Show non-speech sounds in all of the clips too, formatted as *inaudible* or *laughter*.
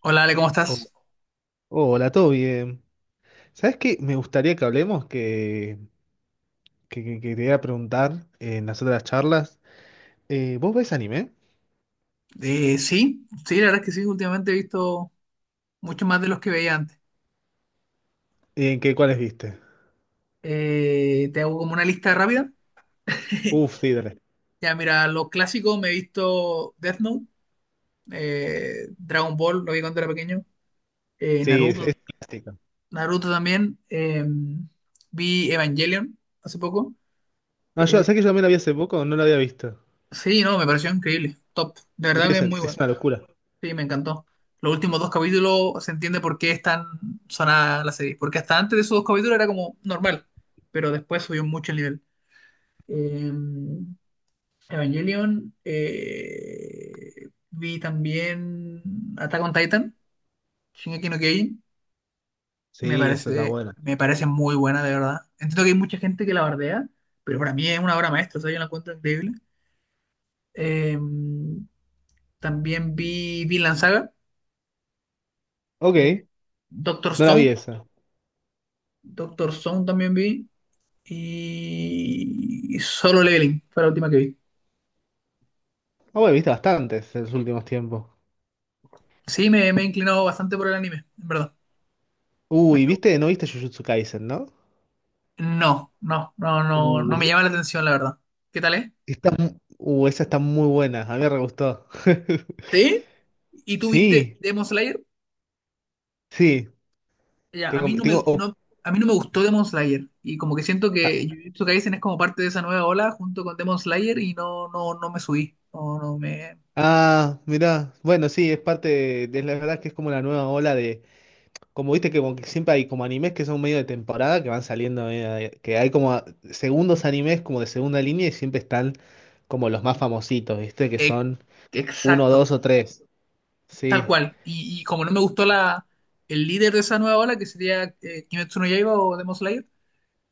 Hola Ale, ¿cómo estás? Oh, hola, todo bien. ¿Sabes qué? Me gustaría que hablemos, que te iba a preguntar en las otras charlas. ¿Vos ves anime? Sí, sí, la verdad es que sí, últimamente he visto mucho más de los que veía antes. ¿En qué cuáles viste? Te hago como una lista rápida. *laughs* Uf, sí, dale. Ya, mira, los clásicos me he visto Death Note, Dragon Ball, lo vi cuando era pequeño, Sí, Naruto, es clásica. Naruto también, vi Evangelion hace poco. No, yo, Eh, ¿sabes que yo también la vi hace poco? No la había visto. sí, no, me pareció increíble, top, de No verdad tiene que es sen- muy es bueno. una locura. Sí, me encantó. Los últimos dos capítulos se entiende por qué es tan sonada la serie. Porque hasta antes de esos dos capítulos era como normal, pero después subió mucho el nivel. Eh, Evangelion, vi también Attack on Titan, Shingeki no Kyojin. Sí, esa está buena. Me parece muy buena, de verdad. Entiendo que hay mucha gente que la bardea, pero para mí es una obra maestra, o sea, yo la encuentro increíble. Eh, También vi Vinland Saga, de Ok, Doctor no la vi Stone, esa. Doctor Stone también vi y Solo Leveling fue la última que vi. Ah, bueno, viste bastantes en los últimos tiempos. Sí, me he inclinado bastante por el anime, en verdad. Me- Uy, ¿viste? No viste Jujutsu Kaisen, ¿no? No, no, no, no, Uh, no me llama es- la atención, la verdad. ¿Qué tal es? está, esa está muy buena. A mí me re gustó. *laughs* ¿Sí? ¿Y tú viste Sí, Demon Slayer? sí. Ya, a Tengo, mí no me, tengo, oh, no, a mí no me gustó Demon Slayer y como que siento que ah, Jujutsu Kaisen es como parte de esa nueva ola junto con Demon Slayer y no, no, no me subí. No, no me... ah, mirá, bueno, sí, es parte de la verdad que es como la nueva ola de, como viste que, como que siempre hay como animes que son medio de temporada, que van saliendo, medio de- que hay como segundos animes como de segunda línea y siempre están como los más famositos, viste, que Ex- son uno, Exacto. dos o tres, Tal sí. cual. Y como no me gustó el líder de esa nueva ola, que sería Kimetsu no Yaiba o Demon Slayer,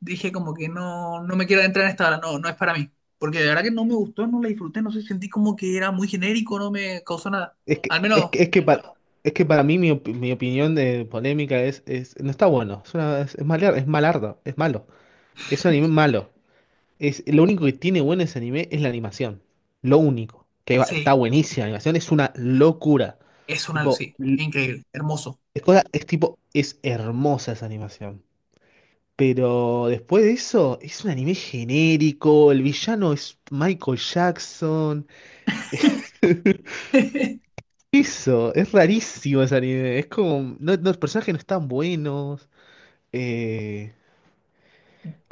dije como que no, no me quiero entrar en esta ola, no, no es para mí. Porque de verdad que no me gustó, no la disfruté, no sé, sentí como que era muy genérico, no me causó nada. Es que, Al es menos, que, es que para, es que para mí mi opinión de polémica no está bueno, es, una- es malar- es malardo, es malo, es un anime malo. Es, lo único que tiene bueno ese anime es la animación. Lo único. Que va- sí, está buenísima la animación, es una locura. es una, Tipo, sí, l- increíble, hermoso. es, cosa- es tipo, es hermosa esa animación. Pero después de eso, es un anime genérico. El villano es Michael Jackson. *laughs* *laughs* Eso, es rarísimo ese anime. Es como. No, no, los personajes no están buenos. eh,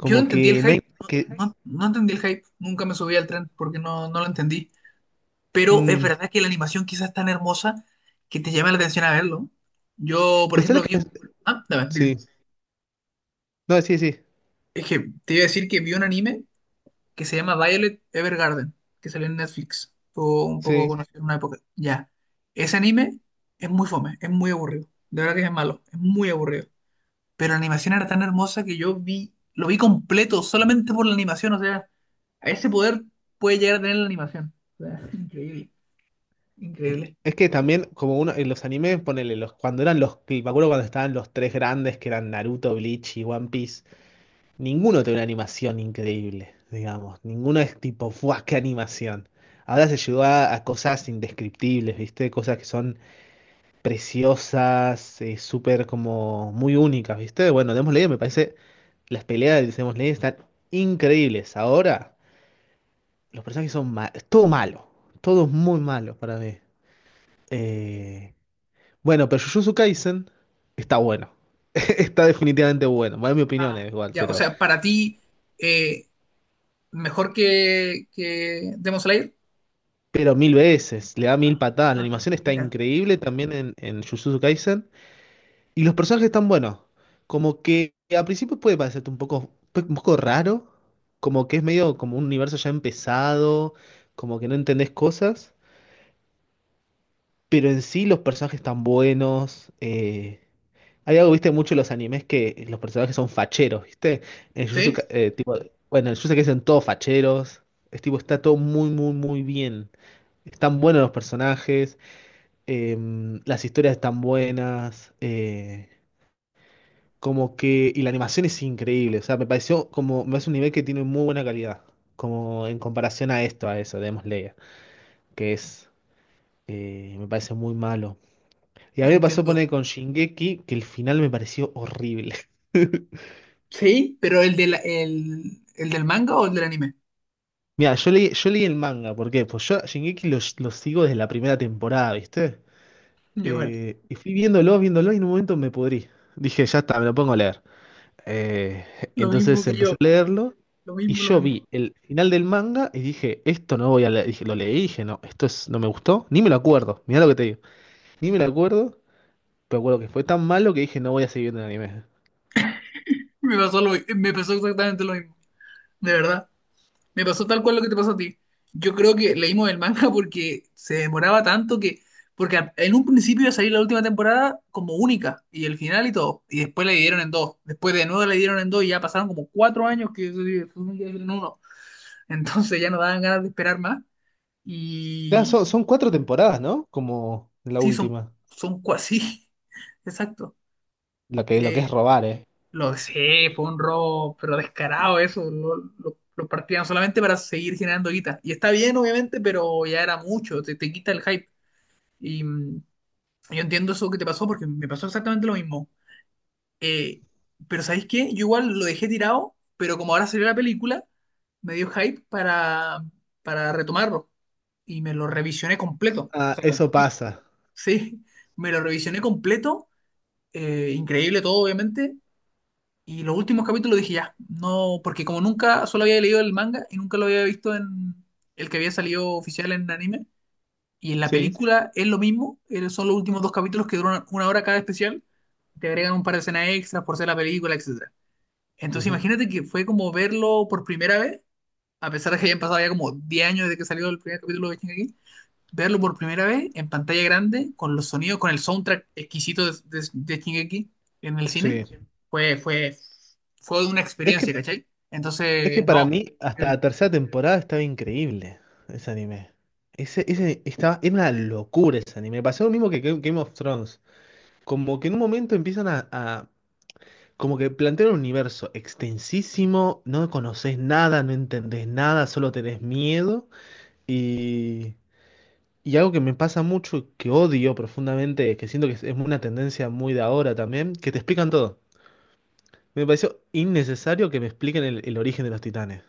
Yo no entendí el que no hay. hype, no, Que, no, no entendí el hype, nunca me subí al tren porque no, no lo entendí. Pero es mm, verdad que la animación quizás es tan hermosa que te llama la atención a verlo. Yo, por pues es lo ejemplo, que. vi... Ah, dame, dime. Sí. No, sí, sí. Es que te iba a decir que vi un anime que se llama Violet Evergarden, que salió en Netflix. Fue un poco Sí. conocido en una época. Ya. Ese anime es muy fome, es muy aburrido. De verdad que es malo, es muy aburrido. Pero la animación era tan hermosa que yo vi, lo vi completo solamente por la animación. O sea, a ese poder puede llegar a tener la animación. O sea, *laughs* increíble, increíble. Es que también, como uno, en los animes, ponele, los, cuando eran los, que- me acuerdo cuando estaban los tres grandes, que eran Naruto, Bleach y One Piece, ninguno tiene una animación increíble, digamos. Ninguno es tipo, ¡fuah, qué animación! Ahora se llegó a cosas indescriptibles, ¿viste? Cosas que son preciosas, súper como muy únicas, ¿viste? Bueno, Demon Slayer me parece, las peleas de Demon Slayer están increíbles. Ahora, los personajes son malos, todo malo, todo muy malo para mí. Eh, Bueno, pero Jujutsu Kaisen está bueno. *laughs* Está definitivamente bueno. Bueno, en mi opinión Ah, es igual, ya, o sea, para ti, eh, mejor que Demon Slayer. pero mil veces. Le da Ah, mil patadas. La ah, animación está mira. increíble también en Jujutsu Kaisen. Y los personajes están buenos. Como que a principio puede parecerte un poco, pues, un poco raro. Como que es medio como un universo ya empezado. Como que no entendés cosas. Pero en sí los personajes están buenos. Hay algo, viste, mucho en los animes que los personajes son facheros, ¿viste? Sí, Tipo, bueno, en Jujutsu Kaisen todos facheros. Es tipo, está todo muy bien. Están buenos los personajes, las historias están buenas, como que... Y la animación es increíble, o sea, me pareció como... Me parece un nivel que tiene muy buena calidad, como en comparación a eso, de Demon Slayer, que es... me parece muy malo. Y a mí me pasó entiendo. poner con Shingeki que el final me pareció horrible. *laughs* Sí, pero el del manga o el del anime. Mira, yo leí el manga, ¿por qué? Pues yo a Shingeki lo sigo desde la primera temporada, ¿viste? Igual, Y fui viéndolo, y en un momento me pudrí. Dije, ya está, me lo pongo a leer. Eh, lo mismo entonces que empecé yo, a leerlo, lo y mismo, lo yo mismo. vi el final del manga, y dije, esto no voy a leer. Dije, lo leí, y dije, no, esto es, no me gustó, ni me lo acuerdo, mirá lo que te digo. Ni me lo acuerdo, pero acuerdo que fue tan malo que dije, no voy a seguir viendo el anime. Me pasó, me pasó exactamente lo mismo, de verdad. Me pasó tal cual lo que te pasó a ti. Yo creo que leímos el manga *laughs* porque se demoraba tanto que... Porque en un principio iba a salir la última temporada como única, y el final y todo, y después la dividieron en dos, después de nuevo la dividieron en dos, y ya pasaron como 4 años que se supone en uno, entonces ya no daban ganas de esperar más, Ya, y son 4 temporadas, ¿no? Como la sí, última, son cuasi, *laughs* exacto. Lo que Eh, es robar, ¿eh? Lo sé, fue un robo, pero descarado eso. Lo partían solamente para seguir generando guita. Y está bien, obviamente, pero ya era mucho, te quita el hype. Y yo entiendo eso que te pasó porque me pasó exactamente lo mismo. Eh, pero ¿sabéis qué? Yo igual lo dejé tirado, pero como ahora salió la película, me dio hype para retomarlo. Y me lo revisioné completo. O Ah, sea, eso pasa, *laughs* sí, me lo revisioné completo. Increíble todo, obviamente. Y los últimos capítulos dije ya, no, porque como nunca solo había leído el manga y nunca lo había visto en el que había salido oficial en anime, y en la sí. película es lo mismo, son los últimos dos capítulos que duran una hora cada especial, te agregan un par de escenas extras por ser la película, etcétera. Entonces Ujú, imagínate que fue como verlo por primera vez, a pesar de que hayan pasado ya como 10 años desde que salió el primer capítulo de Shingeki, verlo por primera vez en pantalla grande, con los sonidos, con el soundtrack exquisito de Shingeki en el cine, sí. fue, fue, fue una Es que, experiencia, ¿cachai? es que Entonces, para no. mí, hasta la tercera temporada estaba increíble ese anime. Ese estaba, era una locura ese anime. Pasó lo mismo que Game of Thrones. Como que en un momento empiezan a- como que plantean un universo extensísimo, no conoces nada, no entendés nada, solo tenés miedo. Y, y algo que me pasa mucho, que odio profundamente, que siento que es una tendencia muy de ahora también, que te explican todo. Me pareció innecesario que me expliquen el origen de los titanes.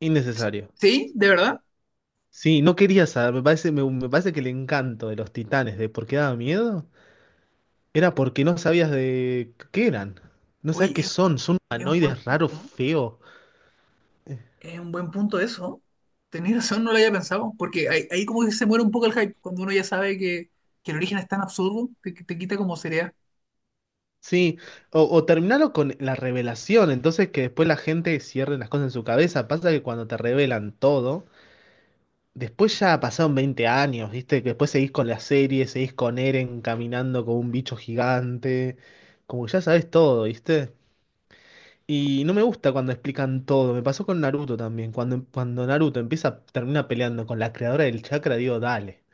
Innecesario. Sí, de verdad. Sí, no quería saber, me parece que el encanto de los titanes de por qué daba miedo era porque no sabías de qué eran. No sabes Uy, qué son, son es un buen humanoides raros, punto. feos. Es un buen punto eso. Tenía razón, no lo había pensado. Porque ahí como que se muere un poco el hype, cuando uno ya sabe que el origen es tan absurdo, te quita como seriedad. Sí, o terminarlo con la revelación, entonces que después la gente cierre las cosas en su cabeza. Pasa que cuando te revelan todo, después ya pasaron 20 años, ¿viste? Que después seguís con la serie, seguís con Eren caminando con un bicho gigante, como que ya sabes todo, ¿viste? Y no me gusta cuando explican todo. Me pasó con Naruto también. Cuando Naruto empieza, termina peleando con la creadora del chakra, digo, dale.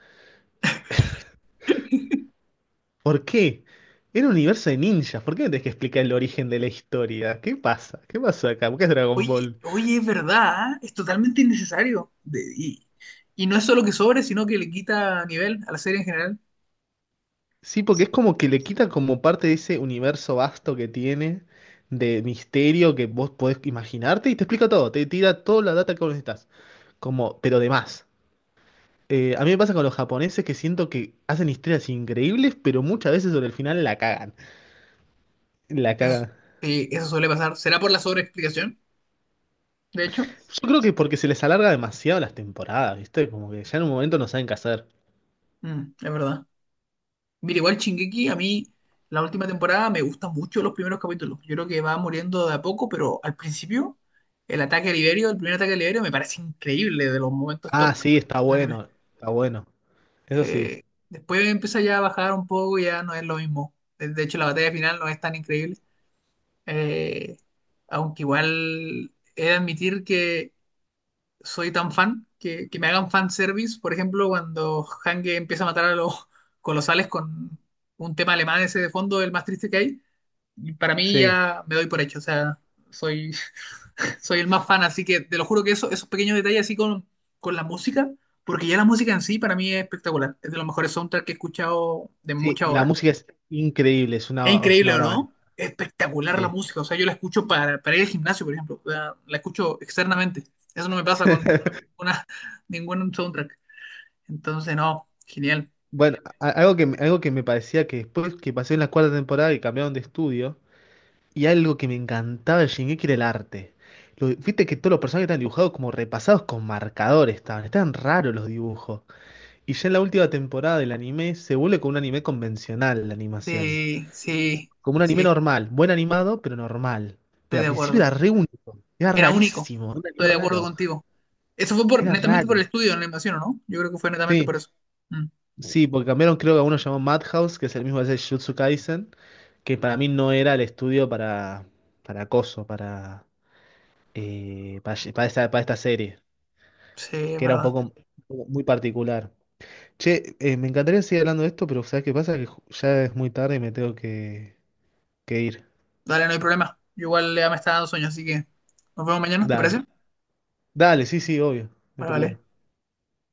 ¿Por qué? Era un universo de ninjas. ¿Por qué me tenés que explicar el origen de la historia? ¿Qué pasa? ¿Qué pasó acá? ¿Por qué es Dragon Oye, Ball? oye, es verdad, ¿ah? Es totalmente innecesario. Y no es solo que sobre, sino que le quita nivel a la serie en general. Sí, porque es como que le quita como parte de ese universo vasto que tiene, de misterio que vos podés imaginarte y te explica todo. Te tira toda la data que vos necesitas. Como, pero de más. A mí me pasa con los japoneses que siento que hacen historias increíbles, pero muchas veces sobre el final la cagan. La Eso, cagan. Eso suele pasar. ¿Será por la sobreexplicación? De hecho, Yo creo que porque se les alarga demasiado las temporadas, ¿viste? Como que ya en un momento no saben qué hacer. mm, es verdad. Mira, igual Shingeki, a mí la última temporada me gustan mucho los primeros capítulos. Yo creo que va muriendo de a poco, pero al principio, el ataque a Liberio, el primer ataque a Liberio, me parece increíble de los momentos Ah, top sí, está del anime. bueno, está bueno. Eso sí, Eh, Después empieza ya a bajar un poco, ya no es lo mismo. De hecho, la batalla final no es tan increíble. eh, Aunque igual he de admitir que soy tan fan, que me hagan fan service, por ejemplo, cuando Hange empieza a matar a los *laughs* colosales con un tema alemán ese de fondo, el más triste que hay, y para mí sí. ya me doy por hecho, o sea, soy, *laughs* soy el más fan, así que te lo juro que eso, esos pequeños detalles así con la música, porque ya la música en sí para mí es espectacular, es de los mejores soundtracks que he escuchado de Sí, muchas la horas. música es increíble, Es es una increíble, ¿o obra maestra. no? Es espectacular la Sí. música. O sea, yo la escucho para ir al gimnasio, por ejemplo. O sea, la escucho externamente. Eso no me pasa con una, *laughs* ningún soundtrack. Entonces, no, genial. Bueno, algo que me parecía que después que pasé en la cuarta temporada y cambiaron de estudio, y algo que me encantaba de Shingeki era el arte. Lo- viste que todos los personajes estaban dibujados como repasados con marcadores, estaban raros los dibujos. Y ya en la última temporada del anime se vuelve como un anime convencional la animación. Sí, sí, Como un anime sí, normal, buen animado, pero normal. estoy Pero de al principio acuerdo. era re único, era Era único. rarísimo, era un Estoy anime de acuerdo raro, contigo. Eso fue por, era netamente por el raro. estudio en la invasión, ¿o no? Yo creo que fue netamente por Sí, eso. Mm, sí, porque cambiaron creo que a uno llamó Madhouse, que es el mismo que hace Jujutsu Kaisen, que para mí no era el estudio para acoso, para... para esta serie, sí, es que era un verdad. poco muy particular. Che, me encantaría seguir hablando de esto, pero ¿sabes qué pasa? Que ju- ya es muy tarde y me tengo que ir. Dale, no hay problema. Yo igual ya me está dando sueño, así que nos vemos mañana, ¿te Dale. parece? Dale, sí, sí, obvio, no hay Vale, vale. problema.